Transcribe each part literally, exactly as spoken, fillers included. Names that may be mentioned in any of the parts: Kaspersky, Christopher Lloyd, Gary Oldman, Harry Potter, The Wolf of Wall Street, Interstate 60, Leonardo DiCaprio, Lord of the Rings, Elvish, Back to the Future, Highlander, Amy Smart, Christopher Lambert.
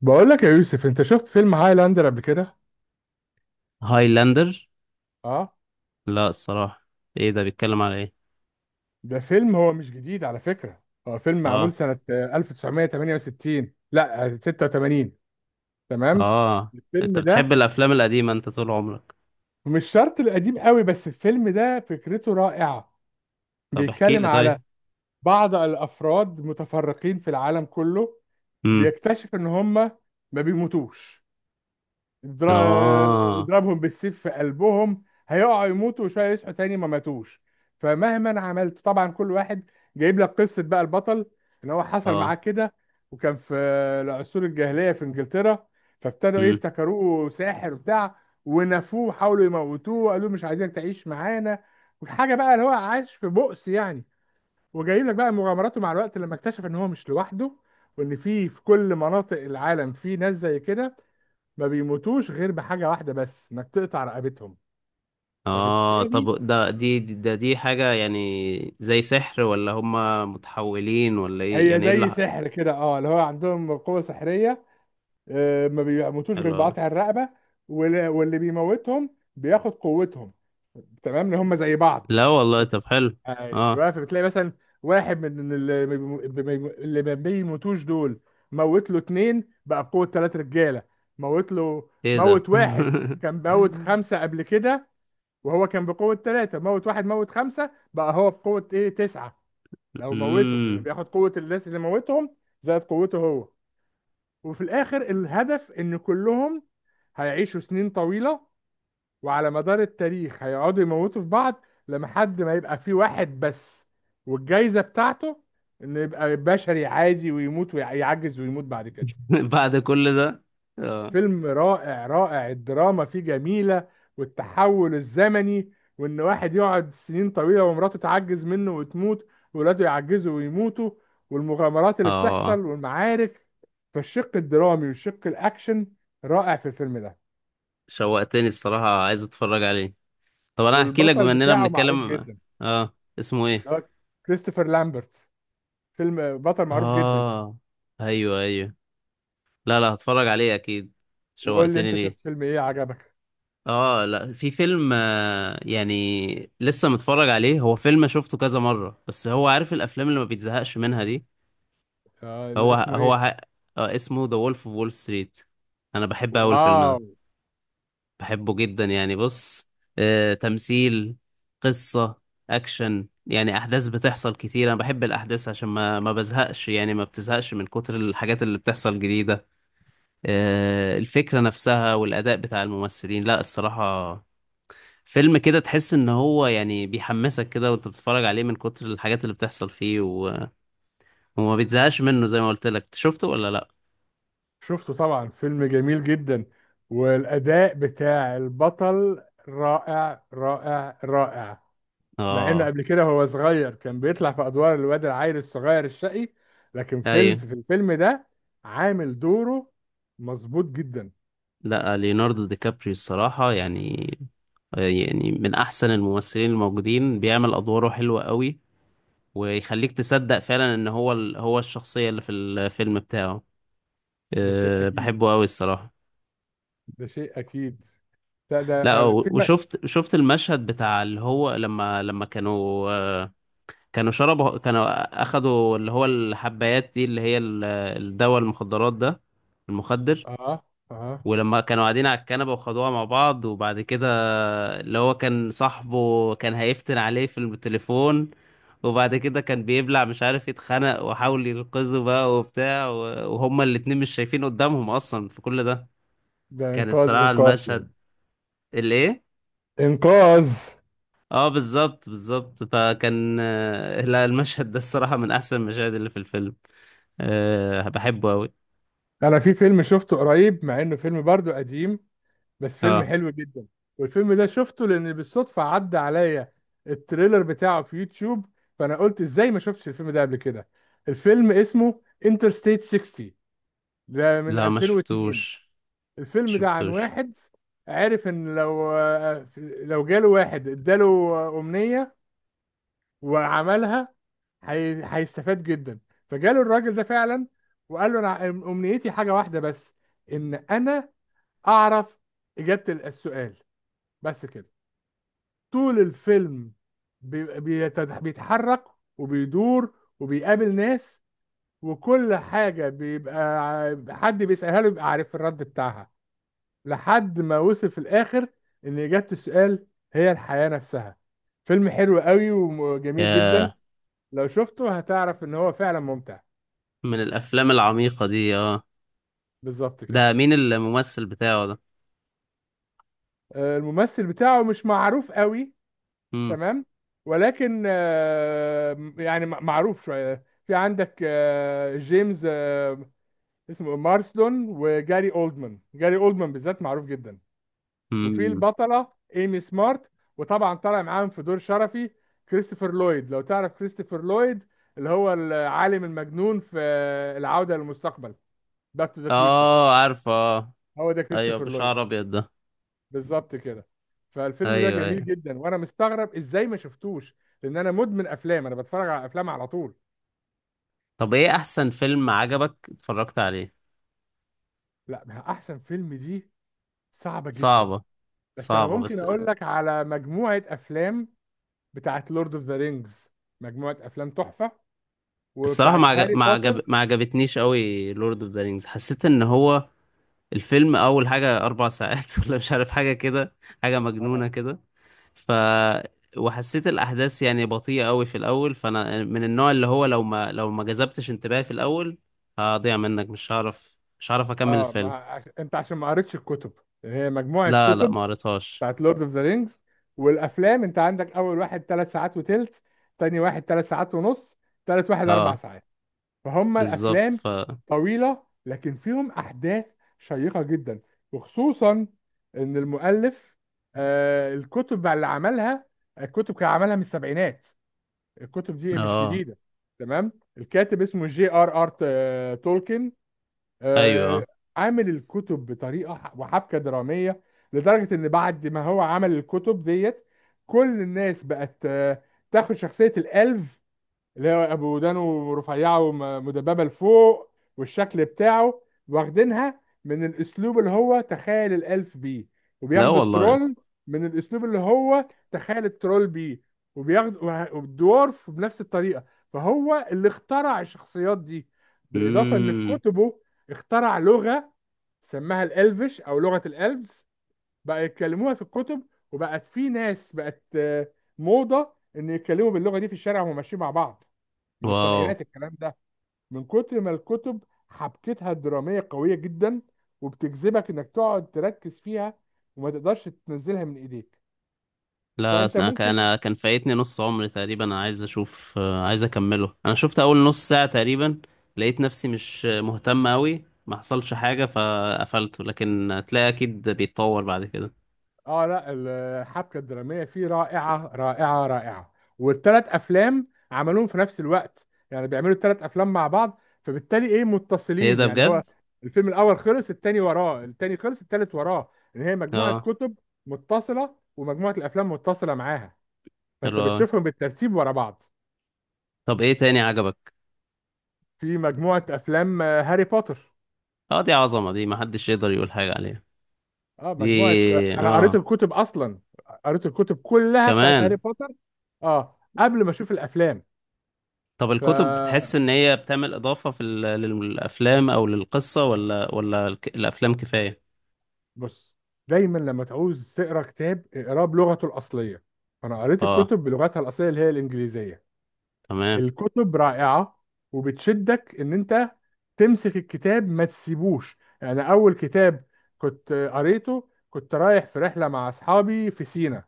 بقول لك يا يوسف، انت شفت فيلم هايلاندر قبل كده؟ هايلاندر؟ اه، لا، الصراحة. ايه ده؟ بيتكلم على ايه؟ ده فيلم. هو مش جديد على فكرة، هو فيلم معمول اه، سنة آه، ألف وتسعمية وتمانية وستين، لا آه، ستة وتمانين. تمام. اه. انت الفيلم بتحب ده الافلام القديمة انت طول عمرك؟ مش شرط القديم قوي، بس الفيلم ده فكرته رائعة. طب احكي بيتكلم لي على طيب. بعض الافراد متفرقين في العالم كله. امم. بيكتشف ان هم ما بيموتوش. اضرا- اه، اضربهم بالسيف في قلبهم هيقعوا يموتوا، وشويه يصحوا تاني ما ماتوش. فمهما عملت طبعا كل واحد. جايب لك قصه بقى البطل ان هو حصل معاه اه. كده. وكان في العصور الجاهليه في انجلترا، فابتدوا ايه، امم. افتكروه ساحر وبتاع، ونفوه وحاولوا يموتوه وقالوا له مش عايزينك تعيش معانا. وحاجه بقى، اللي هو عايش في بؤس يعني. وجايب لك بقى مغامراته مع الوقت لما اكتشف ان هو مش لوحده، وان في في كل مناطق العالم في ناس زي كده، ما بيموتوش غير بحاجة واحدة بس، انك تقطع رقبتهم. اه. فبالتالي طب ده دي دي- ده دي حاجة، يعني زي سحر ولا هما متحولين ولا ايه؟ هي يعني ايه اللي زي ح- سحر كده، اه، اللي هو عندهم قوة سحرية. آه، ما بيموتوش غير حلو أوي. بقطع الرقبة. وال- واللي بيموتهم بياخد قوتهم، تمام، ان هم زي بعض. لا والله، طب حلو. اه، ايوه، فبتلاقي مثلا واحد من اللي ما بيمو- بيمو- اللي ما بيموتوش دول، موت له اتنين بقى بقوة تلات رجالة. موت له، ايه ده؟ موت واحد كان موت خمسة قبل كده، وهو كان بقوة ثلاثة، موت واحد موت خمسة، بقى هو بقوة ايه، تسعة. لو موته يعني امم. بياخد قوة الناس اللي موتهم زائد قوته هو. وفي الآخر الهدف إن كلهم هيعيشوا سنين طويلة، وعلى مدار التاريخ هيقعدوا يموتوا في بعض لحد ما يبقى في واحد بس. والجايزة بتاعته إنه يبقى بشري عادي ويموت ويعجز ويموت بعد كده. بعد كل ده. اه، فيلم رائع رائع. الدراما فيه جميلة، والتحول الزمني، وإن واحد يقعد سنين طويلة ومراته تعجز منه وتموت وولاده يعجزوا ويموتوا، والمغامرات اللي بتحصل اه. والمعارك. فالشق الدرامي والشق الأكشن رائع في الفيلم ده. شوقتني الصراحة، عايز اتفرج عليه. طب انا هحكي لك والبطل بما اننا بتاعه معروف بنتكلم. جدا، اه، اسمه ايه؟ اللي هو كريستوفر لامبرت، فيلم بطل معروف جدا. اه، ايوه، ايوه. لا، لا، هتفرج عليه اكيد. وقول لي شوقتني أنت، ليه. شفت فيلم إيه عجبك؟ اه، لا، في فيلم، آه، يعني لسه متفرج عليه، هو فيلم شفته كذا مرة، بس هو عارف الافلام اللي ما بيتزهقش منها دي. آه، اللي هو اسمه هو إيه. ه... آه، اسمه ذا وولف اوف وول ستريت. انا بحب اول فيلم ده، واو. بحبه جدا يعني. بص، آه، تمثيل، قصة، أكشن، يعني أحداث بتحصل كتير. أنا بحب الأحداث عشان ما ما بزهقش، يعني ما بتزهقش من كتر الحاجات اللي بتحصل جديدة. آه، الفكرة نفسها، والأداء بتاع الممثلين، لا الصراحة. فيلم كده تحس إن هو يعني بيحمسك كده وأنت بتتفرج عليه، من كتر الحاجات اللي بتحصل فيه و... وما بتزهقش منه، زي ما قلت لك. شفته ولا لأ؟ شفته طبعا، فيلم جميل جدا، والأداء بتاع البطل رائع رائع رائع. مع إنه آه، قبل كده هو صغير كان بيطلع في أدوار الواد العيل الصغير الشقي، لكن فيلم، في أيوه. الفيلم ده عامل دوره مظبوط جدا. لا، ليوناردو دي كابريو الصراحة، يعني آه، يعني من أحسن الممثلين الموجودين، بيعمل أدواره حلوة قوي، ويخليك تصدق فعلا إن هو ال... هو الشخصية اللي في الفيلم بتاعه. ده شيء أه أكيد، بحبه قوي الصراحة. ده شيء أكيد. ده ده لا، آه، و- فيلم. وشفت شفت المشهد بتاع اللي هو، لما لما كانوا آه، كانوا شربوا، كانوا أخدوا اللي هو الحبايات دي، اللي هي ال- الدواء، المخدرات ده، المخدر. آه آه ولما كانوا قاعدين على الكنبة وخدوها مع بعض، وبعد كده اللي هو كان صاحبه كان هيفتن عليه في التليفون. وبعد كده كان بيبلع، مش عارف، يتخنق، وحاول ينقذه بقى وبتاع، و- وهما الاتنين مش شايفين قدامهم اصلا في كل ده. ده كان إنقاذ، الصراحة إنقاذ يعني. المشهد، الايه؟ إنقاذ. اه، بالظبط، بالظبط. فكان آه، لا، المشهد ده الصراحة من احسن المشاهد اللي في الفيلم. أه بحبه اوي. أنا في فيلم شفته قريب، مع إنه فيلم برضه قديم، بس فيلم اه، حلو جدا. والفيلم ده شفته لان بالصدفه عدى عليا التريلر بتاعه في يوتيوب، فانا قلت ازاي ما شفتش الفيلم ده قبل كده. الفيلم اسمه انترستيت ستين، ده من لا، ما ألفين واتنين. شفتوش، ما الفيلم ده عن شفتوش. واحد عرف ان لو لو جاله واحد اداله امنيه وعملها، هي- هيستفاد جدا. فجاله الراجل ده فعلا، وقال له انا امنيتي حاجه واحده بس، ان انا اعرف اجابه السؤال، بس كده. طول الفيلم بيبقى بيتد- بيتحرك وبيدور وبيقابل ناس، وكل حاجة بيبقى ع- حد بيسألها له بيبقى عارف الرد بتاعها، لحد ما وصل في الآخر إن إجابة السؤال هي الحياة نفسها. فيلم حلو قوي وجميل جدا، يا، لو شفته هتعرف إن هو فعلا ممتع. من الافلام العميقة دي، اه. بالظبط ده كده. مين الممثل بتاعه ده؟ آه، الممثل بتاعه مش معروف قوي، امم. تمام، ولكن آه، يعني م- معروف شوية، في عندك آه، جيمس، آه، اسمه مارسلون، وجاري اولدمان. جاري اولدمان بالذات معروف جدا. وفي امم. البطلة ايمي سمارت. وطبعا طالع معاهم في دور شرفي كريستوفر لويد، لو تعرف كريستوفر لويد، اللي هو العالم المجنون في العودة للمستقبل، باك تو ذا فيوتشر. اه، عارفه، اه. هو ده ايوه، كريستوفر لويد. بشعر ابيض ده. بالظبط كده. فالفيلم ده ايوه، جميل ايوه. جدا، وانا مستغرب ازاي ما شفتوش، لان انا مدمن افلام، انا بتفرج على افلام على طول. طب ايه احسن فيلم عجبك اتفرجت عليه؟ لا، احسن فيلم دي صعبة جدا. صعبه. بس انا صعبه، ممكن بس. اقول لك على مجموعة افلام، بتاعت لورد اوف ذا رينجز، مجموعه افلام تحفه، الصراحه ما وبتاعت عجب هاري ما عجب بوتر. ما عجبتنيش قوي لورد اوف ذا رينجز. حسيت ان هو الفيلم، اول حاجه اربع ساعات، ولا مش عارف، حاجه كده، حاجه مجنونه اه. كده. ف وحسيت الاحداث يعني بطيئة قوي في الاول. فانا من النوع اللي هو، لو ما لو ما جذبتش انتباهي في الاول هضيع منك، مش هعرف مش هعرف اكمل اه، الفيلم. ما عش... انت عشان ما قريتش الكتب، يعني هي مجموعه لا، لا، كتب ما قريتهاش. بتاعت لورد اوف ذا رينجز. والافلام انت عندك، اول واحد ثلاث ساعات وتلت، تاني واحد ثلاث ساعات ونص، تالت واحد اربع اه، ساعات. فهم بالظبط. الافلام ف طويله، لكن فيهم احداث شيقه جدا. وخصوصا ان المؤلف، آه، الكتب اللي عملها، الكتب كان عملها من السبعينات، الكتب دي مش اه، جديده. تمام. الكاتب اسمه جي ار ار ت- تولكن، آه، ايوه. عامل الكتب بطريقه ح- وحبكه دراميه، لدرجه ان بعد ما هو عمل الكتب ديت كل الناس بقت آه، تاخد شخصيه الالف، اللي هو ابو ودانه رفيعه ومدببه لفوق والشكل بتاعه، واخدينها من الاسلوب اللي هو تخيل الالف بيه. لا وبياخدوا والله. الترول من الاسلوب اللي هو تخيل الترول بيه. وبياخدوا والدورف بنفس الطريقه. فهو اللي اخترع الشخصيات دي. بالاضافه ان في امم. كتبه اخترع لغه، سماها الالفش او لغه الالفز، بقى يتكلموها في الكتب. وبقت في ناس بقت آه، موضه ان يتكلموا باللغه دي في الشارع وهم ماشيين مع بعض، من واو. السبعينات الكلام ده. من كتر ما الكتب حبكتها الدرامية قوية جدا، وبتجذبك انك تقعد تركز فيها وما تقدرش تنزلها من ايديك. لا، فانت أصل انا كان ممكن. أنا كان فايتني نص عمري تقريبا. انا عايز اشوف، آه، عايز اكمله. انا شفت اول نص ساعة تقريبا، لقيت نفسي مش مهتم قوي، ما حصلش حاجة فقفلته، لكن تلاقي اكيد بيتطور بعد كده. اه، لا، الحبكة الدرامية فيه رائعة رائعة رائعة. والثلاث افلام عملوهم في نفس الوقت، يعني بيعملوا الثلاث افلام مع بعض، فبالتالي ايه، ايه متصلين، ده؟ يعني بجد؟ هو الفيلم الاول خلص التاني وراه، التاني خلص التالت وراه. ان هي مجموعة اه. كتب متصلة، ومجموعة الافلام متصلة معاها، حلو فانت أوي. بتشوفهم بالترتيب ورا بعض. طب ايه تاني عجبك؟ في مجموعة أفلام آه، هاري بوتر. اه، دي عظمة دي، ما حدش يقدر يقول حاجة عليها. اه، دي، مجموعة، آه، أنا قريت اه، الكتب أصلا. قريت الكتب كلها بتاعت هاري كمان. بوتر، اه، قبل ما أشوف الأفلام. طب الكتب، ف، بتحس ان هي بتعمل اضافة في ال- للافلام او للقصة، ولا ولا الك- الافلام كفاية؟ بص، دايما لما تعوز تقرا كتاب اقراه بلغته الأصلية. أنا قريت اه، الكتب بلغتها الأصلية اللي هي الإنجليزية. تمام. الكتب رائعة، وبتشدك إن أنت تمسك الكتاب ما تسيبوش. يعني أول كتاب كنت قريته، كنت رايح في رحلة مع أصحابي في سينا،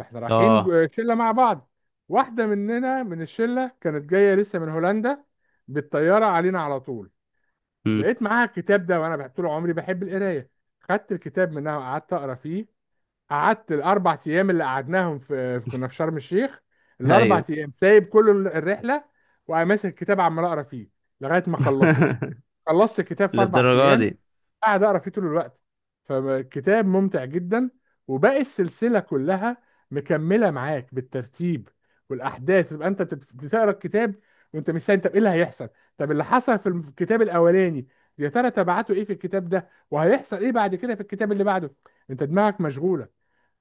احنا رايحين، اه، جو- شله مع بعض، واحده مننا من الشله كانت جايه لسه من هولندا بالطياره، علينا على طول. لقيت معاها الكتاب ده، وانا بحب- طول عمري بحب القرايه، خدت الكتاب منها وقعدت اقرا فيه. قعدت الاربع ايام اللي قعدناهم في، كنا في شرم الشيخ، الاربع ايوه. ايام سايب كل الرحله وماسك الكتاب عمال اقرا فيه لغايه ما خلصه. خلصت الكتاب في اربع للدرجه ايام، دي؟ قاعد اقرا فيه طول الوقت. فالكتاب ممتع جدا، وباقي السلسله كلها مكمله معاك بالترتيب. والاحداث تبقى انت بتت- بتقرا الكتاب وانت مستني، طب ايه اللي هيحصل؟ طب اللي حصل في الكتاب الاولاني يا ترى تبعته ايه في الكتاب ده؟ وهيحصل ايه بعد كده في الكتاب اللي بعده؟ انت دماغك مشغوله.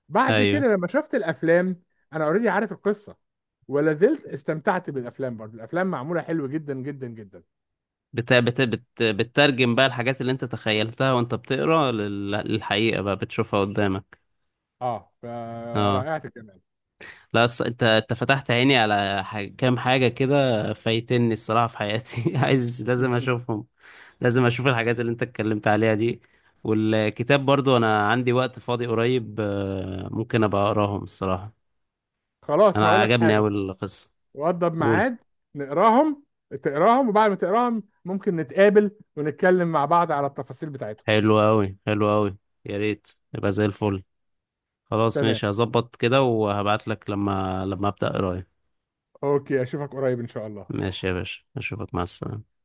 بعد ايوه. كده لما شفت الافلام، انا اوريدي عارف القصه، ولا زلت استمتعت بالافلام برضه. الافلام معموله حلو جدا جدا جدا. بت... بت... بت... بتترجم بقى الحاجات اللي انت تخيلتها وانت بتقرا، لل... للحقيقه بقى، بتشوفها قدامك. اه، اه. فرائعة الجمال. لا، أص... انت انت فتحت عيني على ح... كام حاجه كده فايتني الصراحه في حياتي عايز، لازم اشوفهم، لازم اشوف الحاجات اللي انت اتكلمت عليها دي. والكتاب برضو، انا عندي وقت فاضي قريب، آه، ممكن ابقى اقراهم الصراحه. خلاص، انا هقول لك عجبني حاجة، اوي القصه. وضب قول. ميعاد. نقراهم، تقراهم، وبعد ما تقراهم ممكن نتقابل ونتكلم مع بعض على التفاصيل بتاعتهم. حلو اوي، حلو اوي. يا ريت. يبقى زي الفل. خلاص، تمام. ماشي، هظبط كده وهبعت لك، لما لما أبدأ قراية. اوكي، اشوفك قريب ان شاء الله. ماشي يا باشا، أشوفك، مع السلامة.